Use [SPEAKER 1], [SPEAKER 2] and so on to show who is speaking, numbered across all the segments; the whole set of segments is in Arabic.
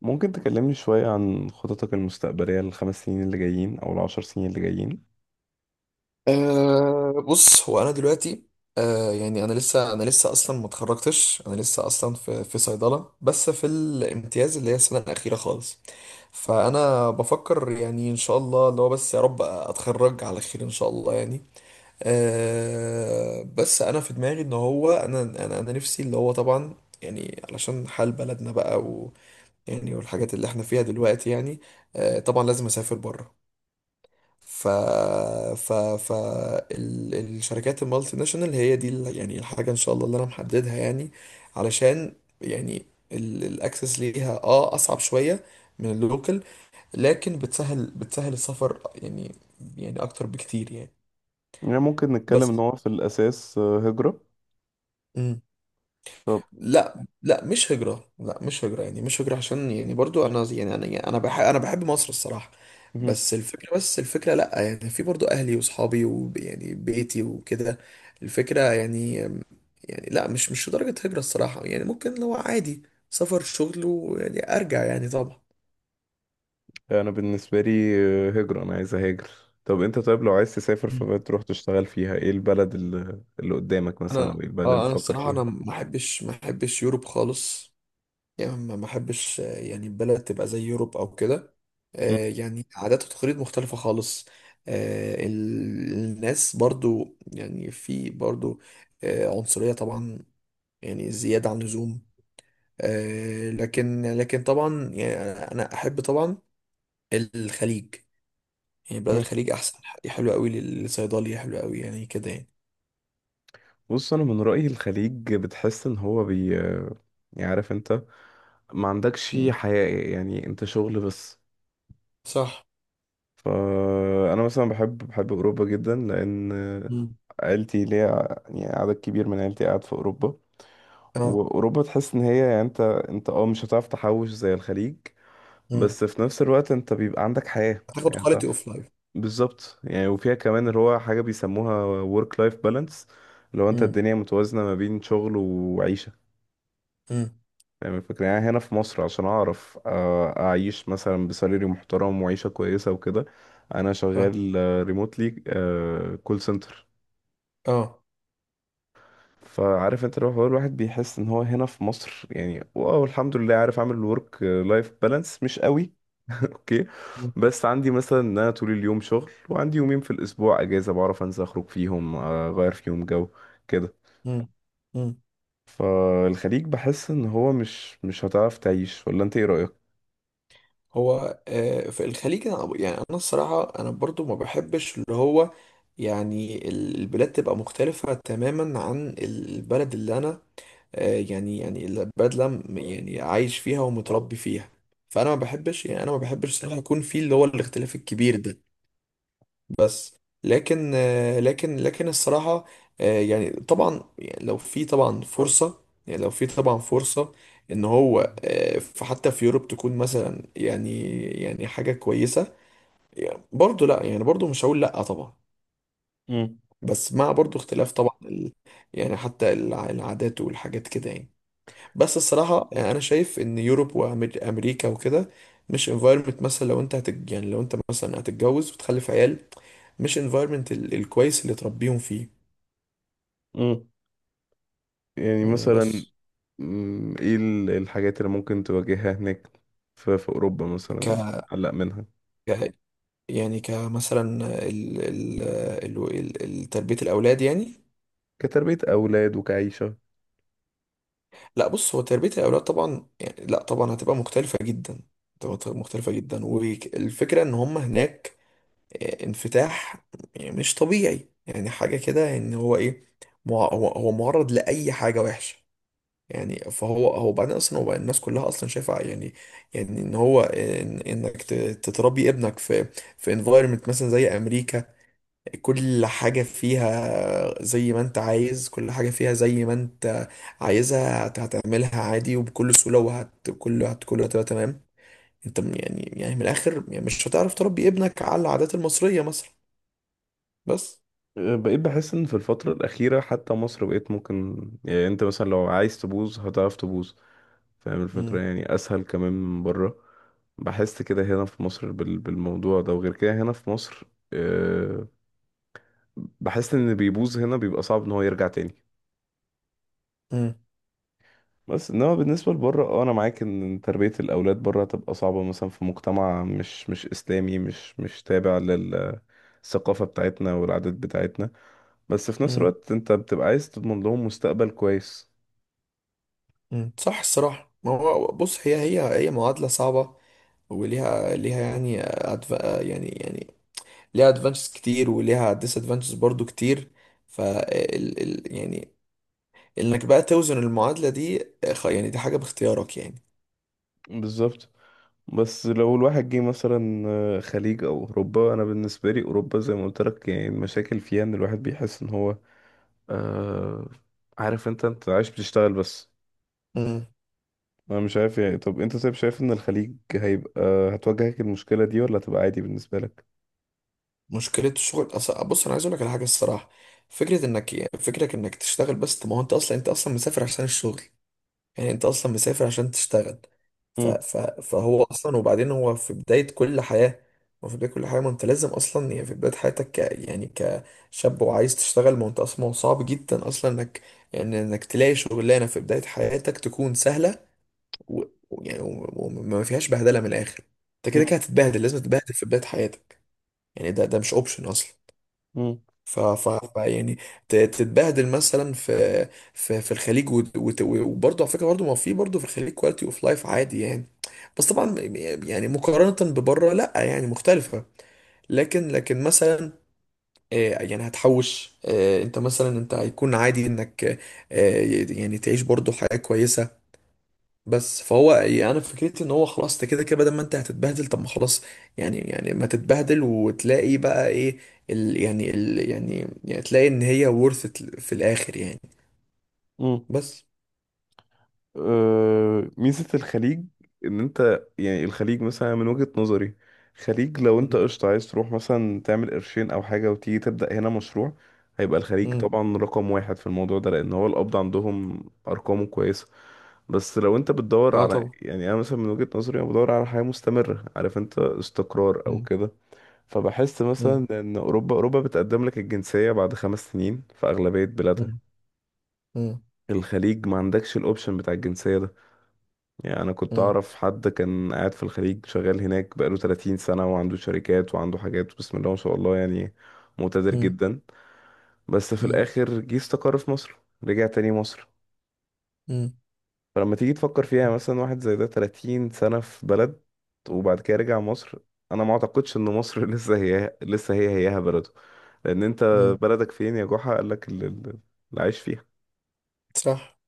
[SPEAKER 1] ممكن تكلمني شوية عن خططك المستقبلية للخمس سنين اللي جايين أو العشر سنين اللي جايين؟
[SPEAKER 2] بص، هو انا دلوقتي. يعني انا لسه اصلا ما اتخرجتش. انا لسه اصلا في صيدله، بس في الامتياز اللي هي السنه الاخيره خالص. فانا بفكر، يعني ان شاء الله اللي هو بس يا رب اتخرج على خير ان شاء الله يعني. بس انا في دماغي ان هو انا نفسي اللي هو طبعا، يعني علشان حال بلدنا بقى، و يعني والحاجات اللي احنا فيها دلوقتي يعني. طبعا لازم اسافر بره. ف ف ف الشركات المالتي ناشونال هي دي يعني الحاجة ان شاء الله اللي انا محددها يعني. علشان يعني الاكسس ليها، اصعب شوية من اللوكل، لكن بتسهل السفر يعني، يعني اكتر بكتير يعني.
[SPEAKER 1] يعني ممكن نتكلم إن
[SPEAKER 2] بس
[SPEAKER 1] هو في الأساس هجرة. طب
[SPEAKER 2] لا، لا، مش هجرة، لا مش هجرة، يعني مش هجرة، عشان يعني برضو انا يعني انا يعني، انا بحب مصر الصراحة.
[SPEAKER 1] مهم.
[SPEAKER 2] بس الفكرة، لا يعني في برضو اهلي واصحابي ويعني بيتي وكده. الفكرة يعني، يعني لا مش لدرجة هجرة الصراحة، يعني ممكن لو عادي سفر شغل ويعني ارجع يعني طبعا.
[SPEAKER 1] أنا بالنسبة لي هجرة، أنا عايز أهاجر. طب أنت طيب، لو عايز تسافر
[SPEAKER 2] مم.
[SPEAKER 1] فبقى تروح تشتغل فيها، إيه البلد اللي قدامك مثلا؟ أو
[SPEAKER 2] انا
[SPEAKER 1] إيه البلد اللي
[SPEAKER 2] اه انا
[SPEAKER 1] بتفكر
[SPEAKER 2] الصراحة انا
[SPEAKER 1] فيها؟
[SPEAKER 2] ما احبش، يوروب خالص، يعني ما احبش، يعني البلد تبقى زي يوروب او كده.
[SPEAKER 1] مم.
[SPEAKER 2] يعني عادات وتقاليد مختلفة خالص. الناس برضو، يعني في برضو عنصرية طبعا، يعني زيادة عن اللزوم. لكن، طبعا يعني انا احب طبعا الخليج، يعني بلاد
[SPEAKER 1] مم.
[SPEAKER 2] الخليج احسن، حلوة قوي للصيدلية، حلوة قوي يعني كده يعني.
[SPEAKER 1] بص، أنا من رأيي الخليج بتحس إن هو بي يعني عارف أنت، ما عندكش
[SPEAKER 2] مم.
[SPEAKER 1] حياة، يعني أنت شغل بس.
[SPEAKER 2] صح.
[SPEAKER 1] فأنا مثلا بحب أوروبا جدا، لأن
[SPEAKER 2] مم.
[SPEAKER 1] عيلتي ليا يعني عدد كبير من عيلتي قاعد في أوروبا.
[SPEAKER 2] اه.
[SPEAKER 1] وأوروبا تحس إن هي يعني أنت، أنت مش هتعرف تحوش زي الخليج.
[SPEAKER 2] مم.
[SPEAKER 1] بس في نفس الوقت أنت بيبقى عندك حياة،
[SPEAKER 2] هتاخد
[SPEAKER 1] يعني
[SPEAKER 2] كواليتي
[SPEAKER 1] تعرف.
[SPEAKER 2] اوف لايف.
[SPEAKER 1] بالظبط، يعني وفيها كمان اللي هو حاجة بيسموها work life balance، اللي هو أنت
[SPEAKER 2] فاهم.
[SPEAKER 1] الدنيا متوازنة ما بين شغل وعيشة. فاهم الفكرة؟ يعني هنا في مصر، عشان أعرف أعيش مثلا بسالري محترم وعيشة كويسة وكده، أنا شغال ريموتلي، كول سنتر.
[SPEAKER 2] اه.
[SPEAKER 1] فعارف انت، لو هو الواحد بيحس ان هو هنا في مصر، يعني واو الحمد لله عارف اعمل ورك لايف بالانس، مش قوي. اوكي،
[SPEAKER 2] مم.
[SPEAKER 1] بس عندي مثلا ان انا طول اليوم شغل، وعندي يومين في الاسبوع اجازة بعرف انزل اخرج فيهم، اغير فيهم جو كده.
[SPEAKER 2] مم.
[SPEAKER 1] فالخليج بحس ان هو مش هتعرف تعيش. ولا انت ايه رأيك؟
[SPEAKER 2] هو في الخليج انا، يعني انا الصراحه انا برضو ما بحبش اللي هو، يعني البلاد تبقى مختلفه تماما عن البلد اللي انا، يعني البلد اللي أنا يعني عايش فيها ومتربي فيها. فانا ما بحبش، يعني انا ما بحبش الصراحه يكون في اللي هو الاختلاف الكبير ده. بس لكن لكن الصراحة، يعني طبعا يعني لو في طبعا فرصة، يعني لو في طبعا فرصة ان هو حتى في يوروب تكون مثلا، يعني حاجة كويسة يعني، برضو لا يعني برضو مش هقول لا طبعا. بس مع برضو اختلاف طبعا، ال يعني حتى العادات والحاجات كده يعني. بس الصراحة يعني انا شايف ان يوروب وامريكا وكده مش environment، مثلا لو انت يعني لو انت مثلا هتتجوز وتخلف عيال، مش environment الكويس اللي تربيهم فيه.
[SPEAKER 1] امم. يعني
[SPEAKER 2] مم،
[SPEAKER 1] مثلا،
[SPEAKER 2] بس
[SPEAKER 1] ايه الحاجات اللي ممكن تواجهها هناك؟ في اوروبا
[SPEAKER 2] ك
[SPEAKER 1] مثلا، قلق منها.
[SPEAKER 2] ك- يعني كمثلا ال... ال... تربية الأولاد يعني.
[SPEAKER 1] كتربية اولاد وكعيشة.
[SPEAKER 2] لا بص، هو تربية الأولاد طبعا، يعني لا طبعا هتبقى مختلفة جدا، هتبقى مختلفة جدا. والفكرة إن هم هناك انفتاح يعني مش طبيعي، يعني حاجة كده إن هو إيه، هو معرض لأي حاجة وحشة، يعني فهو، بعدين اصلا هو الناس كلها اصلا شايفه يعني، يعني ان هو إن انك تتربي ابنك في انفايرمنت مثلا زي امريكا، كل حاجه فيها زي ما انت عايز، كل حاجه فيها زي ما انت عايزها، هتعملها عادي وبكل سهوله، وهت كل هت كله هتبقى تمام. انت يعني، من الاخر يعني، مش هتعرف تربي ابنك على العادات المصريه مثلا. بس.
[SPEAKER 1] بقيت بحس ان في الفترة الاخيرة حتى مصر بقيت ممكن، يعني انت مثلا لو عايز تبوظ هتعرف تبوظ. فاهم الفكرة؟
[SPEAKER 2] امم،
[SPEAKER 1] يعني اسهل كمان من بره. بحس كده هنا في مصر بالموضوع ده. وغير كده هنا في مصر، أه، بحس ان اللي بيبوظ هنا بيبقى صعب ان هو يرجع تاني.
[SPEAKER 2] امم،
[SPEAKER 1] بس انما بالنسبه لبره، اه انا معاك ان تربيه الاولاد بره هتبقى صعبه، مثلا في مجتمع مش اسلامي، مش تابع للثقافه بتاعتنا والعادات بتاعتنا. بس في نفس الوقت انت بتبقى عايز تضمن لهم مستقبل كويس.
[SPEAKER 2] امم، صح الصراحه. ما هو بص، هي، معادله صعبه، وليها، يعني يعني، ليها ادفانتجز كتير، وليها ديس ادفانتجز برضو كتير. يعني انك بقى توزن المعادلة دي. يعني دي حاجة باختيارك يعني.
[SPEAKER 1] بالظبط. بس لو الواحد جه مثلا خليج او اوروبا، انا بالنسبه لي اوروبا زي ما قلت لك، يعني المشاكل فيها ان الواحد بيحس ان هو آه عارف انت عايش بتشتغل بس.
[SPEAKER 2] مم.
[SPEAKER 1] انا مش عارف يعني، طب انت طيب شايف ان الخليج هيبقى هتواجهك المشكلة دي، ولا هتبقى عادي بالنسبة لك؟
[SPEAKER 2] مشكلة الشغل، بص انا عايز اقول لك على حاجة الصراحة، فكرة انك، انك تشتغل بس، طب ما هو انت اصلا، مسافر عشان الشغل، يعني انت اصلا مسافر عشان تشتغل.
[SPEAKER 1] مم.
[SPEAKER 2] فهو اصلا، وبعدين هو في بداية كل حياة، هو في بداية كل حياة، ما انت لازم اصلا يعني في بداية حياتك، يعني كشاب وعايز تشتغل. ما هو انت اصلا، ما هو صعب جدا اصلا انك، يعني انك تلاقي شغلانة في بداية حياتك تكون سهلة و... وما فيهاش بهدلة، من الاخر انت كده
[SPEAKER 1] مم.
[SPEAKER 2] كده هتتبهدل، لازم تتبهدل في بداية حياتك، يعني ده مش اوبشن اصلا.
[SPEAKER 1] مم.
[SPEAKER 2] يعني تتبهدل مثلا في، في الخليج. وبرضه على فكره، برضه ما في، برضه في الخليج كواليتي اوف لايف عادي يعني. بس طبعا يعني مقارنه ببره لا يعني مختلفه. لكن، مثلا يعني هتحوش، انت مثلا انت هيكون عادي انك آه، يعني تعيش برضه حياه كويسه. بس فهو يعني انا فكرتي ان هو خلاص، انت كده كده، بدل ما انت هتتبهدل، طب ما خلاص، يعني، ما تتبهدل وتلاقي بقى ايه ال يعني ال يعني يعني تلاقي ان هي worth it في الاخر يعني.
[SPEAKER 1] مم.
[SPEAKER 2] بس.
[SPEAKER 1] أه، ميزة الخليج ان انت، يعني الخليج مثلا من وجهة نظري، خليج لو انت
[SPEAKER 2] مم.
[SPEAKER 1] قشطة عايز تروح مثلا تعمل قرشين او حاجة وتيجي تبدأ هنا مشروع، هيبقى الخليج
[SPEAKER 2] مم.
[SPEAKER 1] طبعا رقم واحد في الموضوع ده، لان هو القبض عندهم ارقامه كويسة. بس لو انت بتدور
[SPEAKER 2] اه
[SPEAKER 1] على،
[SPEAKER 2] طبعا.
[SPEAKER 1] يعني انا مثلا من وجهة نظري، انا بدور على حياة مستمرة، عارف انت، استقرار او
[SPEAKER 2] مم.
[SPEAKER 1] كده. فبحس
[SPEAKER 2] مم.
[SPEAKER 1] مثلا ان اوروبا بتقدم لك الجنسيه بعد خمس سنين في اغلبيه بلادها.
[SPEAKER 2] مم. مم.
[SPEAKER 1] الخليج ما عندكش الاوبشن بتاع الجنسيه ده. يعني انا كنت
[SPEAKER 2] مم.
[SPEAKER 1] اعرف حد كان قاعد في الخليج شغال هناك بقاله 30 سنه، وعنده شركات وعنده حاجات بسم الله ما شاء الله، يعني مقتدر
[SPEAKER 2] مم.
[SPEAKER 1] جدا. بس في
[SPEAKER 2] مم.
[SPEAKER 1] الاخر جه استقر في مصر. رجع تاني مصر.
[SPEAKER 2] مم.
[SPEAKER 1] فلما تيجي تفكر فيها، مثلا واحد زي ده 30 سنة في بلد، وبعد كده رجع مصر. انا ما اعتقدش ان مصر لسه هي هيها بلده. لان انت
[SPEAKER 2] مم.
[SPEAKER 1] بلدك فين يا جحا؟ قال لك اللي عايش فيها.
[SPEAKER 2] صح.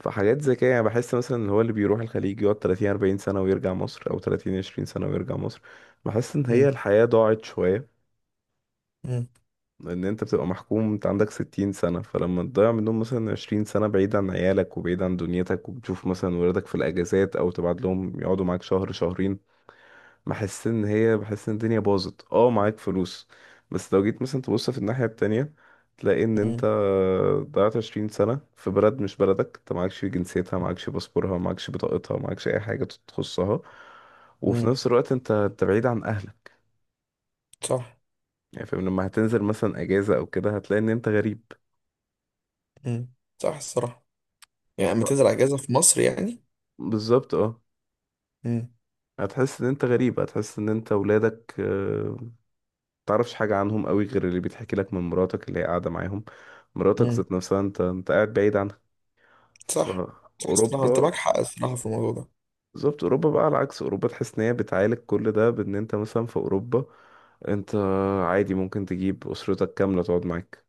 [SPEAKER 1] فحاجات زي كده، يعني بحس مثلا اللي هو اللي بيروح الخليج يقعد 30 40 سنة ويرجع مصر، او 30 20 سنة ويرجع مصر، بحس ان هي
[SPEAKER 2] مم.
[SPEAKER 1] الحياة ضاعت شوية.
[SPEAKER 2] مم.
[SPEAKER 1] لان انت بتبقى محكوم، انت عندك ستين سنة، فلما تضيع منهم مثلا عشرين سنة بعيد عن عيالك وبعيد عن دنيتك، وبتشوف مثلا ولادك في الاجازات او تبعت لهم يقعدوا معاك شهر شهرين، بحس ان الدنيا باظت معاك فلوس. بس لو جيت مثلا تبص في الناحية التانية، تلاقي ان انت
[SPEAKER 2] مم.
[SPEAKER 1] ضيعت عشرين سنة في بلد مش بلدك، انت معكش جنسيتها، معكش باسبورها، معكش بطاقتها، معكش اي حاجة تخصها. وفي
[SPEAKER 2] مم.
[SPEAKER 1] نفس الوقت انت بعيد عن اهلك.
[SPEAKER 2] صح.
[SPEAKER 1] يعني فاهم؟ لما هتنزل مثلا اجازة او كده، هتلاقي ان انت غريب.
[SPEAKER 2] مم. صح الصراحة. يعني لما تنزل اجازة في مصر يعني.
[SPEAKER 1] بالظبط اه.
[SPEAKER 2] مم.
[SPEAKER 1] هتحس ان انت غريب. هتحس ان انت ولادك متعرفش حاجة عنهم قوي، غير اللي بيتحكي لك من مراتك اللي هي قاعدة معاهم. مراتك
[SPEAKER 2] مم.
[SPEAKER 1] ذات نفسها انت قاعد بعيد عنها.
[SPEAKER 2] صح. صح الصراحة انت
[SPEAKER 1] فأوروبا،
[SPEAKER 2] معاك حق الصراحة في الموضوع ده.
[SPEAKER 1] بالظبط، أوروبا بقى على العكس. أوروبا تحس ان هي بتعالج كل ده، بان انت مثلا في أوروبا انت عادي ممكن تجيب أسرتك كاملة تقعد معاك.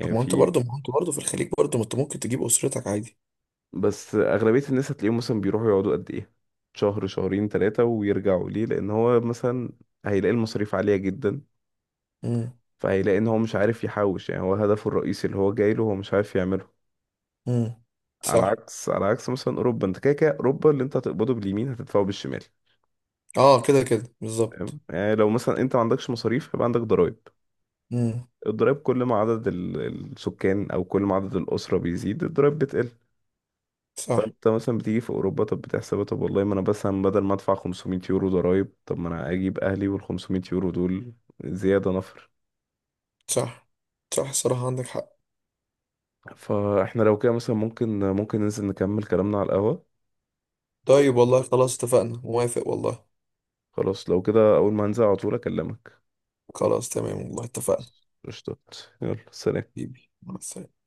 [SPEAKER 2] طب ما انت
[SPEAKER 1] في،
[SPEAKER 2] برضه، في الخليج برضه ما انت ممكن تجيب اسرتك عادي.
[SPEAKER 1] بس أغلبية الناس هتلاقيهم مثلا بيروحوا يقعدوا قد ايه، شهر شهرين ثلاثة ويرجعوا، ليه؟ لأن هو مثلا هيلاقي المصاريف عالية جدا،
[SPEAKER 2] امم.
[SPEAKER 1] فهيلاقي ان هو مش عارف يحوش، يعني هو هدفه الرئيسي اللي هو جاي له هو مش عارف يعمله.
[SPEAKER 2] امم.
[SPEAKER 1] على
[SPEAKER 2] صح.
[SPEAKER 1] عكس على عكس مثلا اوروبا، انت كده كده اوروبا اللي انت هتقبضه باليمين هتدفعه بالشمال.
[SPEAKER 2] اه كده كده بالظبط.
[SPEAKER 1] تمام؟ يعني لو مثلا انت ما عندكش مصاريف، يبقى عندك ضرائب.
[SPEAKER 2] امم.
[SPEAKER 1] الضرائب كل ما عدد السكان او كل ما عدد الاسره بيزيد، الضرائب بتقل.
[SPEAKER 2] صح.
[SPEAKER 1] فانت مثلا بتيجي في اوروبا، طب بتحسبها، طب والله ما انا بس بدل ما ادفع 500 يورو ضرائب، طب ما انا اجيب اهلي وال 500 يورو دول زياده نفر.
[SPEAKER 2] صح، صح الصراحة عندك حق.
[SPEAKER 1] فاحنا لو كده مثلا ممكن ننزل نكمل كلامنا على القهوه.
[SPEAKER 2] طيب والله خلاص اتفقنا، موافق والله.
[SPEAKER 1] خلاص لو كده، أول ما هنزل على طول أكلمك.
[SPEAKER 2] خلاص تمام والله اتفقنا.
[SPEAKER 1] قشطات. يلا سلام.
[SPEAKER 2] حبيبي، مع السلامة.